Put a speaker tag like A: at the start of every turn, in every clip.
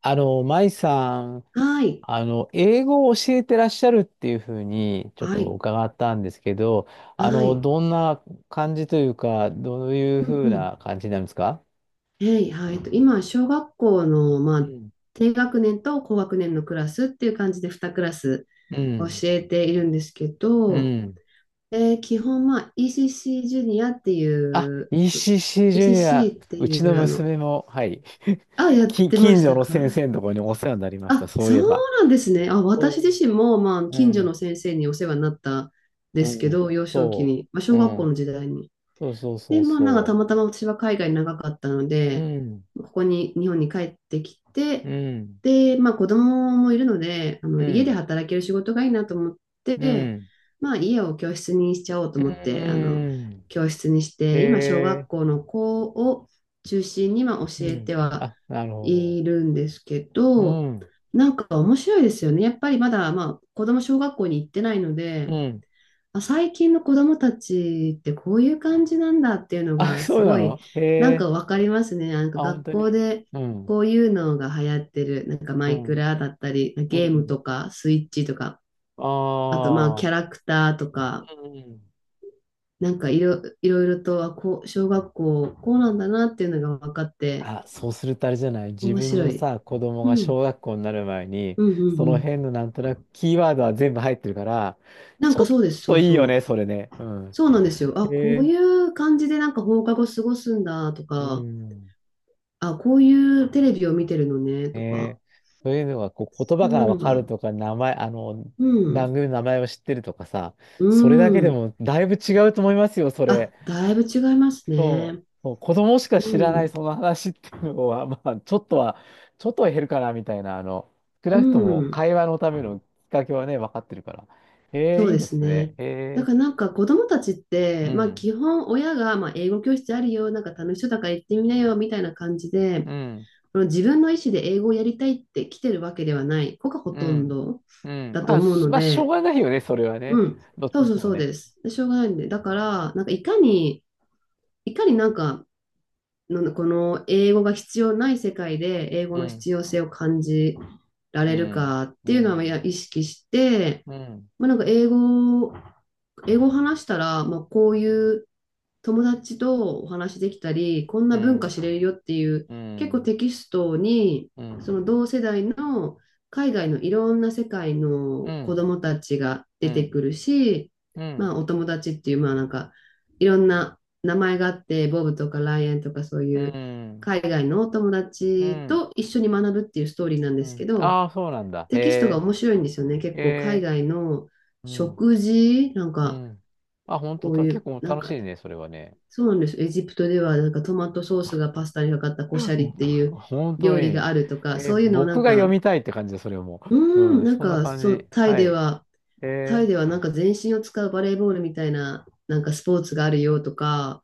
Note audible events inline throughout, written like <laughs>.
A: 舞さん、
B: はい、
A: 英語を教えてらっしゃるっていうふうに、ちょっ
B: は
A: と
B: い、
A: 伺ったんですけど、
B: はい。
A: どんな感じというか、どういう
B: う
A: ふ
B: ん
A: う
B: うん。
A: な感じなんですか？
B: はい。今、小学校の、ま
A: う
B: あ、
A: ん。
B: 低学年と高学年のクラスっていう感じで2クラス
A: う
B: 教
A: ん。
B: えているんですけ
A: う
B: ど、
A: ん。
B: 基本、まあ、ECC ジュニアってい
A: あ、
B: う、
A: ECC ジュニア、
B: ECC って
A: うち
B: い
A: の
B: う、
A: 娘も、はい、
B: あ、
A: <laughs>
B: やってま
A: 近
B: し
A: 所
B: た
A: の
B: か。
A: 先生のところにお世話になりました、
B: あ、
A: そうい
B: そ
A: え
B: う
A: ば。
B: なんですね。あ、私
A: そ
B: 自身も、まあ、
A: う。う
B: 近所の
A: ん。
B: 先生にお世話になったんで
A: う
B: すけ
A: ん。
B: ど、幼少期
A: そ
B: に、まあ、
A: う。
B: 小
A: う
B: 学校の
A: ん。
B: 時代に。
A: そうそうそ
B: で、
A: う
B: まあなんかた
A: そ
B: またま私は海外長かったの
A: う。う
B: で、
A: ん。
B: ここに日本に帰ってき
A: う
B: て、
A: ん。
B: で、まあ子供もいるので、あの
A: う
B: 家で
A: ん。
B: 働ける仕事がいいなと思っ
A: う
B: て、
A: ん。
B: まあ家を教室にしちゃおうと
A: う
B: 思って、あの
A: ーん。
B: 教室にして、今小学
A: え
B: 校の子を中心にまあ教
A: ー、う
B: え
A: ん。
B: ては
A: あ、なるほ
B: いるんですけ
A: ど。う
B: ど、
A: ん。
B: なんか面白いですよね。やっぱりまだまあ子供小学校に行ってないの
A: う
B: で、
A: ん。
B: あ、最近の子供たちってこういう感じなんだっていうの
A: あ、<laughs>
B: がす
A: そうな
B: ごい
A: のへ
B: なん
A: え。
B: かわかりますね。なんか
A: あ、本
B: 学
A: 当
B: 校
A: に。
B: で
A: うん。
B: こういうのが流行ってる。なんかマ
A: う
B: イク
A: ん。
B: ラだったり、
A: う
B: ゲーム
A: ん。
B: とかスイッチとか、あとまあ
A: あ
B: キャ
A: あ。
B: ラクターとか、
A: うん。
B: なんかいろいろとあこう、小学校こうなんだなっていうのが分かって
A: あ、そうするとあれじゃない。自
B: 面
A: 分
B: 白
A: の
B: い。
A: さ、子供
B: う
A: が小
B: ん、
A: 学校になる前に、
B: うん、う
A: そ
B: ん、う
A: の辺
B: ん。
A: のなんとなくキーワードは全部入ってるから、
B: な
A: ち
B: ん
A: ょ
B: か
A: っ
B: そうです、そ
A: と
B: う
A: いいよね、
B: そう。
A: それね。うん。
B: そうなんですよ。
A: へ
B: あ、こう
A: え。
B: いう感じでなんか放課後過ごすんだと
A: う
B: か、
A: ん。
B: あ、こういうテレビを見てるのね、
A: ね
B: とか、
A: え、そういうのがこう言
B: そ
A: 葉
B: んな
A: がわ
B: の
A: か
B: が、
A: るとか、名前、
B: う
A: 番
B: ん、
A: 組の名前を知ってるとかさ、
B: う
A: それだけで
B: ん。
A: もだいぶ違うと思いますよ、それ。
B: あ、だいぶ違います
A: そう、
B: ね。
A: そう子供しか
B: う
A: 知らない
B: ん、
A: その話っていうのは、<laughs> まあ、ちょっとは、ちょっとは減るかな、みたいな、少
B: う
A: なくとも
B: ん、
A: 会話のためのきっかけはね、分かってるから。え
B: そ
A: え、
B: う
A: いい
B: で
A: で
B: す
A: すね。
B: ね。だ
A: え
B: から
A: え、
B: なんか子供たちっ
A: う
B: て、まあ
A: ん、
B: 基本親が、まあ、英語教室あるよ、なんか楽しそうだから行ってみなよ、みたいな感じで、
A: うん、
B: この自分の意思で英語をやりたいって来てるわけではない子がほ
A: う
B: とん
A: ん、
B: ど
A: うん。
B: だと
A: まあ、
B: 思うの
A: しょう
B: で、
A: がないよね、それはね。
B: うん、
A: どっち
B: そう
A: にし
B: そ
A: て
B: うそ
A: も
B: う
A: ね。
B: です。しょうがないんで、だから、なんかいかになんかのこの英語が必要ない世界で英語
A: う
B: の
A: ん、
B: 必要性を感じら
A: う
B: れる
A: ん、
B: かって
A: う
B: いうのはや
A: ん、
B: 意識して、
A: うん。
B: まあ、なんか英語を話したら、まあ、こういう友達とお話できたり、こん
A: う
B: な文化
A: ん、
B: 知れるよっていう、
A: う
B: 結構
A: ん、
B: テキストに、
A: う
B: そ
A: ん、
B: の同世代の海外のいろんな世界
A: う
B: の子
A: ん、
B: 供たちが
A: う
B: 出て
A: ん、
B: くるし、
A: うん、う
B: ま
A: ん、
B: あお友達っていう、まあなんかいろんな名前があって、ボブとかライアンとかそういう海外のお友
A: う
B: 達
A: ん、
B: と一緒に学ぶっていうストーリーなん
A: う
B: ですけ
A: ん。
B: ど、
A: ああ、そうなんだ。へ
B: テキストが
A: え、
B: 面白いんですよね。結
A: へ
B: 構海
A: え、
B: 外の
A: うん、
B: 食事、なん
A: う
B: か
A: ん。あ、本当
B: こう
A: た、
B: い
A: 結
B: う、
A: 構
B: なん
A: 楽
B: か
A: しいね、それはね。
B: そうなんです。エジプトではなんかトマトソースが
A: <laughs>
B: パスタにかかったコシャリっていう
A: 本当
B: 料理が
A: に。
B: あるとか、
A: え、
B: そういうのをな
A: 僕
B: ん
A: が読
B: か、
A: みたいって感じだ、それも。
B: う
A: う
B: ーん、
A: ん、
B: なん
A: そんな
B: か
A: 感
B: そ
A: じ。
B: う、タイ
A: はい。
B: で
A: へ
B: は、タイ
A: え、
B: ではなんか全身を使うバレーボールみたいな、なんかスポーツがあるよとか、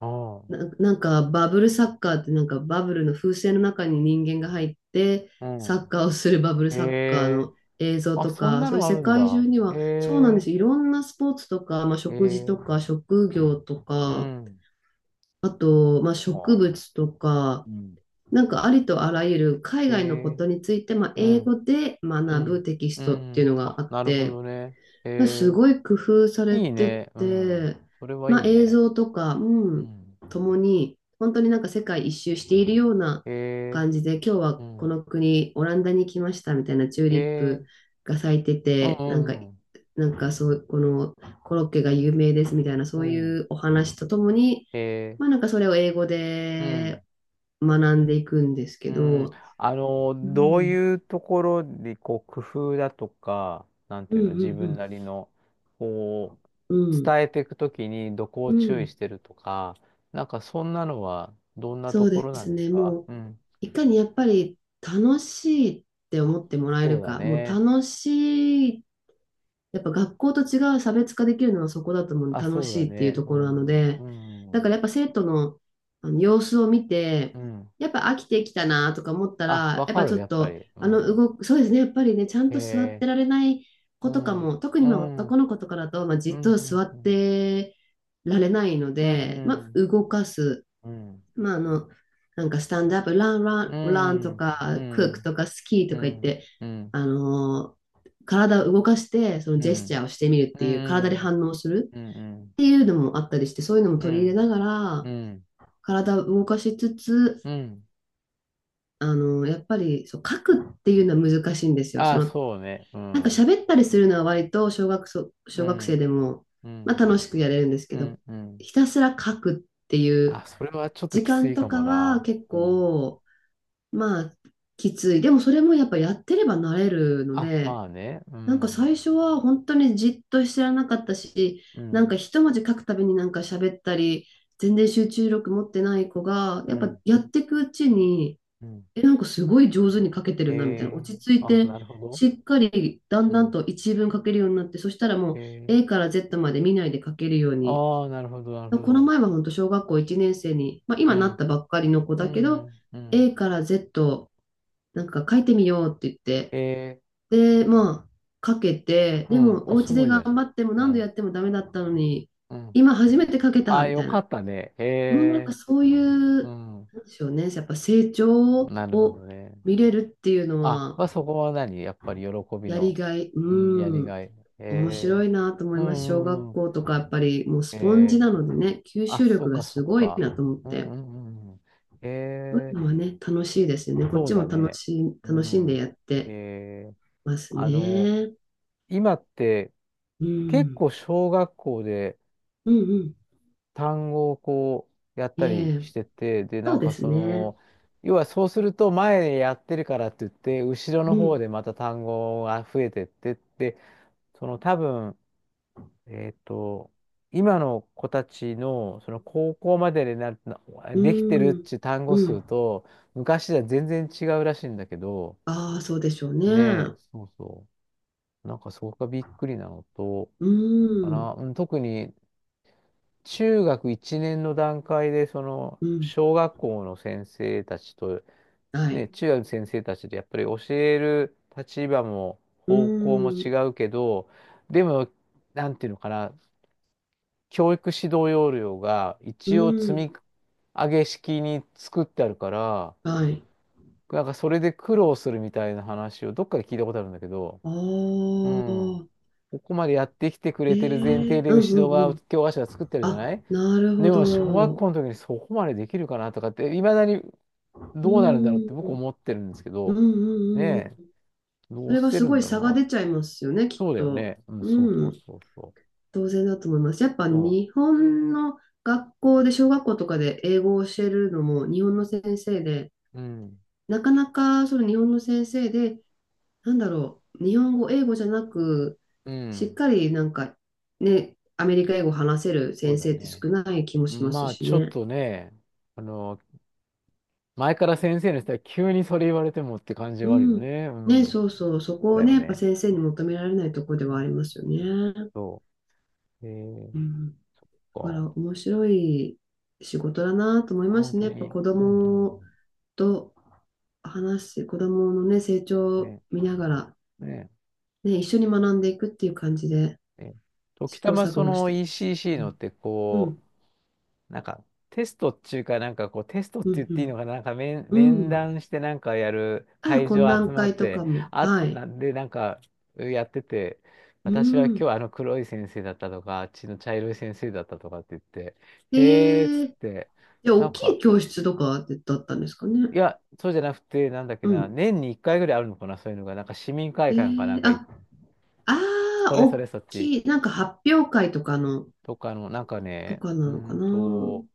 A: ああ、
B: なんかバブルサッカーってなんかバブルの風船の中に人間が入って、
A: う
B: サッ
A: ん。
B: カーをするバブル
A: へ
B: サッカー
A: え、
B: の映像
A: あ、
B: と
A: そん
B: か、
A: な
B: そういう
A: のあ
B: 世
A: るん
B: 界
A: だ。
B: 中に
A: へ
B: は、そうなんで
A: え、
B: す。いろんなスポーツとか、まあ、
A: へ
B: 食事と
A: え、
B: か、職業と
A: う
B: か、
A: ん。
B: あと、まあ、
A: あ
B: 植
A: あ、
B: 物とか、
A: うん。
B: なんかありとあらゆる海
A: へ
B: 外のこ
A: え、
B: とについて、まあ、
A: う
B: 英
A: ん。
B: 語で
A: う
B: 学ぶ
A: ん。
B: テキス
A: う
B: トっていう
A: ん。
B: のが
A: あ、
B: あっ
A: なるほ
B: て、
A: どね。
B: す
A: え
B: ごい工夫さ
A: ー、
B: れ
A: いい
B: て
A: ね。う
B: て、
A: ん。それはい
B: まあ、
A: い
B: 映
A: ね。
B: 像とか、う
A: う
B: ん、
A: ん。
B: ともに、本当になんか世界一周しているような
A: え
B: 感じで、今日
A: ー、
B: は
A: う
B: こ
A: ん。
B: の国、オランダに来ましたみたいなチューリッ
A: えー、
B: プが咲いて
A: う
B: て、なんか、
A: んうん
B: なんかそう、このコロッケが有名ですみたいな、そ
A: うん。
B: うい
A: うん。
B: うお話とともに、
A: えー、
B: まあなんかそれを英語
A: うん。
B: で学んでいくんですけ
A: うん。
B: ど、う
A: どう
B: ん、
A: いうところで、こう、工夫だとか、なん
B: う
A: て
B: ん、
A: いう
B: う
A: の、自分
B: ん、
A: なりの、こう、
B: うん、うん、
A: 伝えていくときにどこ
B: う
A: を注意し
B: ん
A: てるとか、なんかそんなのはどんな
B: そ
A: と
B: う
A: こ
B: で
A: ろなん
B: す
A: です
B: ね、
A: か？
B: もう。
A: うん。
B: いかにやっぱり楽しいって
A: あ、
B: 思ってもらえ
A: そ
B: る
A: うだ
B: か、もう
A: ね。
B: 楽しい、やっぱ学校と違う差別化できるのはそこだと思う、
A: あ、
B: 楽
A: そうだ
B: しいっていう
A: ね。
B: と
A: う
B: ころなの
A: ん、う
B: で、だから
A: ん、
B: やっぱ生徒の、あの様子を見て、
A: うん。
B: やっぱ飽きてきたなとか思った
A: あ、
B: ら、
A: わ
B: やっ
A: か
B: ぱち
A: る、
B: ょっ
A: やっぱ
B: と、
A: り。うん。
B: 動く、そうですね、やっぱりね、ちゃん
A: へ
B: と座って
A: え、
B: られない
A: う
B: 子とか
A: ん、
B: も、特に
A: う
B: まあ
A: ん、う
B: 男の子とかだと、まあ、じっ
A: ん、
B: と
A: う
B: 座っ
A: ん、
B: てられないの
A: うん、
B: で、まあ、動かす。
A: うん、うん、
B: まあ、なんかスタンドアップ、ラン、ラ
A: う
B: ン、ランと
A: ん、う
B: か、クック
A: ん、
B: とか、スキーと
A: う
B: か言って、
A: ん、
B: あのー体を動かして、その
A: う
B: ジェスチャ
A: ん、
B: ーをしてみるっ
A: う
B: ていう、体で
A: ん、
B: 反応する
A: うん、
B: っていうのもあったりして、そういうのも
A: う
B: 取り入れ
A: ん、
B: なが
A: う
B: ら、
A: ん、
B: 体を動かしつつ、
A: うん。
B: やっぱりそう書くっていうのは難しいんですよ。
A: あ、そうね。う
B: なんか
A: ん、
B: 喋ったりするのは割と
A: う
B: 小学生
A: ん、
B: でも、
A: う
B: まあ、
A: ん、
B: 楽しくやれるんです
A: う
B: けど、
A: ん、うん。
B: ひたすら書くっていう
A: あ、それはちょっと
B: 時
A: きつ
B: 間
A: い
B: と
A: かも
B: かは
A: な。
B: 結
A: うん。
B: 構、まあ、きつい。でもそれもやっぱやってれば慣れるの
A: あ、
B: で、
A: まあね。う
B: なんか
A: ん、
B: 最初は本当にじっとしてらなかったし、
A: う
B: なんか
A: ん、
B: 一文字書くたびになんか喋ったり、全然集中力持ってない子が、
A: う
B: やっぱ
A: ん、
B: やっていくうちに、
A: うん。
B: え、なんかすごい上手に書けてるなみたいな、
A: え
B: 落ち着
A: ー、
B: い
A: あ、な
B: て、
A: るほど。
B: しっかりだん
A: う
B: だん
A: ん。
B: と一文書けるようになって、そしたらもう
A: え
B: A から Z まで見ないで書けるよう
A: ー、
B: に。
A: ああ、なるほど、なるほ
B: この
A: ど。
B: 前は本当小学校1年生に、まあ、
A: う
B: 今なっ
A: ん。
B: たばっかりの子
A: う
B: だけど、
A: ん、うん。
B: A から Z なんか書いてみようって言って、
A: え
B: で、まあ、書けて、
A: ー、う
B: で
A: ん。
B: も、
A: あ、
B: お
A: す
B: 家
A: ご
B: で
A: いじゃ
B: 頑
A: ないですか。
B: 張っても
A: う
B: 何度や
A: ん。
B: ってもダメだったのに、
A: うん。
B: 今初めて書けた
A: あ、
B: み
A: よ
B: たい
A: か
B: な。
A: ったね。
B: うんなんか
A: え
B: そうい
A: ー、う
B: う、
A: ん。
B: なんでしょうね、やっぱ成長
A: なるほど
B: を
A: ね。
B: 見れるっていうの
A: あ、
B: は、
A: まあ、そこは何やっぱり喜び
B: やり
A: の、
B: がい、
A: うん、やり
B: うん、
A: がい。
B: 面白
A: え
B: いなと思
A: ー、
B: い
A: う
B: ます。小学
A: ん、うん。
B: 校とか、やっぱりもう
A: え
B: スポンジ
A: ー、
B: なのでね、吸
A: あ、
B: 収
A: そ
B: 力
A: う
B: が
A: か、そ
B: す
A: う
B: ごい
A: か。
B: なと思っ
A: うん、
B: て、
A: うん、うん。うん
B: そういう
A: えー、
B: のはね、楽しいですよね。こっ
A: そう
B: ちも
A: だ
B: 楽
A: ね。
B: しい、
A: う
B: 楽しんで
A: ん。
B: やって
A: えー
B: ます
A: あの、
B: ね。
A: 今って
B: う
A: 結
B: ん。
A: 構小学校で
B: うんうん。
A: 単語をこうやっ
B: え
A: たり
B: え、
A: してて、で、な
B: そ
A: ん
B: うで
A: か
B: す
A: そ
B: ね。
A: の、要はそうすると前でやってるからって言って、後ろの
B: う
A: 方
B: ん、
A: でまた単語が増えてってって、その多分、えっと、今の子たちのその高校までになる、なできてるっ
B: うん、
A: ていう単語
B: う
A: 数
B: ん。
A: と、昔では全然違うらしいんだけど、
B: ああ、そうでしょうね。
A: ねえ、
B: う
A: そうそう。なんかそこがびっくりなのと、か
B: ん、
A: な。うん、特に中学1年の段階で、その、
B: うん、
A: 小学校の先生たちと、
B: は
A: ね、
B: い。
A: 中学の先生たちとやっぱり教える立場も
B: う
A: 方向も違
B: ん、
A: うけど、でも、なんていうのかな、教育指導要領が
B: う
A: 一応積
B: ん、
A: み上げ式に作ってあるから、
B: はい。
A: なんかそれで苦労するみたいな話をどっかで聞いたことあるんだけど、
B: あ
A: うん。
B: あ、
A: ここまでやってきてくれて
B: え
A: る前提
B: え、
A: で、
B: う
A: 後
B: ん、
A: ろ
B: うん、う
A: 側、
B: ん。
A: 教科書が作ってるじゃ
B: あ、
A: ない。
B: なるほ
A: でも、小学
B: ど。
A: 校の時にそこまでできるかなとかって、いまだに
B: う
A: どうなるんだろうって僕
B: ん、
A: 思ってるんですけ
B: うん、
A: ど、
B: うん、うん。うん
A: ねえ、ど
B: そ
A: う
B: れ
A: し
B: は
A: て
B: す
A: るん
B: ごい
A: だろう
B: 差が
A: な。
B: 出ちゃいますよね、きっ
A: そうだよ
B: と。
A: ね。うん、そうそ
B: う
A: う
B: ん、
A: そうそう。
B: 当然だと思います。やっぱ
A: そ
B: 日本の学校で、小学校とかで英語を教えるのも、日本の先生で、
A: う。うん、
B: なかなかその日本の先生で、なんだろう、日本語、英語じゃなく、
A: う
B: しっ
A: ん、
B: かりなんかね、アメリカ英語を話せる
A: そう
B: 先
A: だ
B: 生って
A: ね。
B: 少ない気も
A: う
B: し
A: ん、
B: ます
A: まあ、
B: し
A: ちょっ
B: ね。
A: とね、あの、前から先生の人は急にそれ言われてもって感じ
B: う
A: はあるよ
B: ん。
A: ね。う
B: ね、
A: ん、
B: そうそう、そ
A: そう
B: こを
A: だ
B: ね、
A: よ
B: やっぱ
A: ね。
B: 先生に求められないところ
A: う
B: ではあ
A: ん
B: りますよね。
A: そう。えー、
B: うん。だから
A: そっ
B: 面白い仕事だなと思い
A: か。あ、
B: ま
A: 本
B: す
A: 当
B: ね。やっぱ
A: に。
B: 子
A: うん、うん、
B: 供
A: う
B: と話し、子供のね、成
A: ん。
B: 長を
A: ね、
B: 見ながら、
A: ね。
B: ね、一緒に学んでいくっていう感じで
A: ね
B: 試
A: 時た
B: 行
A: ま
B: 錯
A: そ
B: 誤し
A: の
B: てます。
A: ECC
B: う
A: のっ
B: ん
A: て
B: う
A: こ
B: ん、
A: う、なんかテストっていうか、なんかこうテストって
B: う
A: 言っていいの
B: ん、
A: かな、
B: うん、
A: 面
B: うん。
A: 談してなんかやる
B: ああ、
A: 会
B: 懇
A: 場集
B: 談
A: まっ
B: 会と
A: て、
B: かも。
A: あ、
B: はい。
A: なんでなんかやってて、
B: う
A: 私は今
B: ん。
A: 日あの黒い先生だったとか、あっちの茶色い先生だったとかって言って、へーっつ
B: え
A: っ
B: え、
A: て、
B: じゃあ、
A: な
B: 大
A: ん
B: きい
A: か、
B: 教室とかだったんですかね。
A: いや、そうじゃなくて、なんだっけ
B: う
A: な、
B: ん。
A: 年に1回ぐらいあるのかな、そういうのが、なんか市民会
B: え
A: 館かな
B: え、
A: んかい、
B: あ、ああ、
A: それそ
B: 大
A: れそっち。
B: きい、なんか発表会とかの、
A: とかの、なんか
B: と
A: ね、
B: か
A: う
B: なの
A: ー
B: か
A: ん
B: な。
A: と、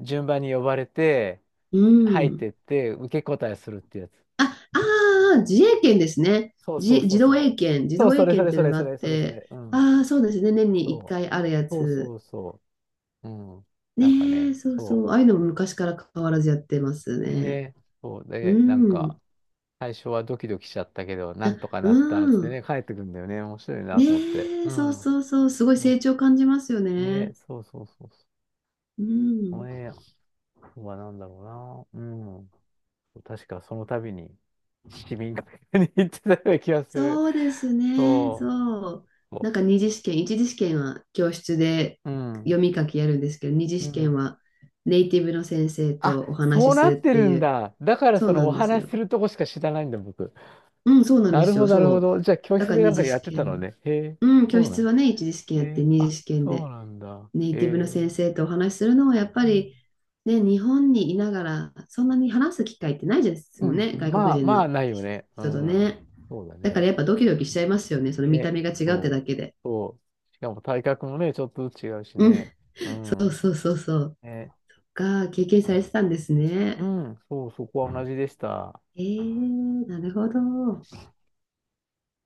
A: 順番に呼ばれて、
B: う
A: 入っ
B: ん。
A: てって、受け答えするってやつ。
B: あ、ああ、自衛権ですね。
A: そうそうそうそう。
B: 自
A: そう、
B: 動
A: そ
B: 英
A: れそ
B: 検っ
A: れ
B: てい
A: そ
B: うの
A: れ
B: があ
A: そ
B: っ
A: れそれそ
B: て、
A: れ。うん。
B: ああ、そうですね。年に1
A: そう。
B: 回あるや
A: そうそ
B: つ。
A: うそう。うん。なんか
B: ねえ、
A: ね、
B: そうそ
A: そ
B: う。ああいうのも昔から変わらずやってます
A: う。
B: ね。
A: ね。そう
B: う
A: で、なん
B: ん。
A: か、最初はドキドキしちゃったけど、な
B: あ、
A: んとか
B: う
A: なったっつって
B: ん。
A: ね、帰ってくんだよね。面白いなと思って。
B: ね
A: う
B: え、そう
A: ん。
B: そうそう。すごい
A: そ
B: 成長感じますよ
A: うね、
B: ね。
A: そうそうそうそう。
B: う
A: この
B: ん。
A: はなんだろうな。うん。確かその度に市民会館に行ってたような気がする。
B: そうですね。
A: そ
B: そう。
A: う。
B: な
A: そ
B: んか二次試験、一次試験は教室で
A: うう
B: 読
A: ん。
B: み書きやるんですけど、二次
A: う
B: 試験
A: ん。
B: はネイティブの先生
A: あ、
B: とお話
A: そう
B: しす
A: なっ
B: るっ
A: て
B: て
A: る
B: い
A: ん
B: う。
A: だ。だから
B: そう
A: そ
B: な
A: のお
B: んです
A: 話し
B: よ。
A: するとこしか知らないんだ、僕。
B: うん、そうなんで
A: なる
B: す
A: ほ
B: よ。
A: ど、なるほ
B: そう。
A: ど。じゃあ教
B: だ
A: 室
B: から
A: でな
B: 二
A: んか
B: 次
A: や
B: 試
A: ってた
B: 験
A: の
B: の。
A: ね。へえ、
B: うん、教
A: そうな
B: 室
A: の。
B: はね、一次試験
A: へ
B: やって、
A: え、
B: 二
A: あ、
B: 次試験
A: そう
B: で
A: なんだ。
B: ネ
A: へ
B: イティブの先
A: え。
B: 生とお話しするのはやっぱ
A: うん。
B: り、ね、日本にいながらそんなに話す機会ってないです
A: う
B: もん
A: んう
B: ね、
A: ん
B: 外国
A: まあ、
B: 人
A: まあ、
B: の
A: ないよね。う
B: 人と
A: ん。
B: ね。
A: そうだ
B: だか
A: ね。
B: らやっぱドキドキしちゃいますよね、その見た
A: ね。
B: 目が違うって
A: そう。
B: だけで。
A: そう。しかも体格もね、ちょっとずつ違うし
B: うん、
A: ね。う
B: そう
A: ん。
B: そうそうそう。
A: ね
B: が経験されてたんです
A: う
B: ね。
A: ん、そう、そこは同じでした。
B: えー、なるほど。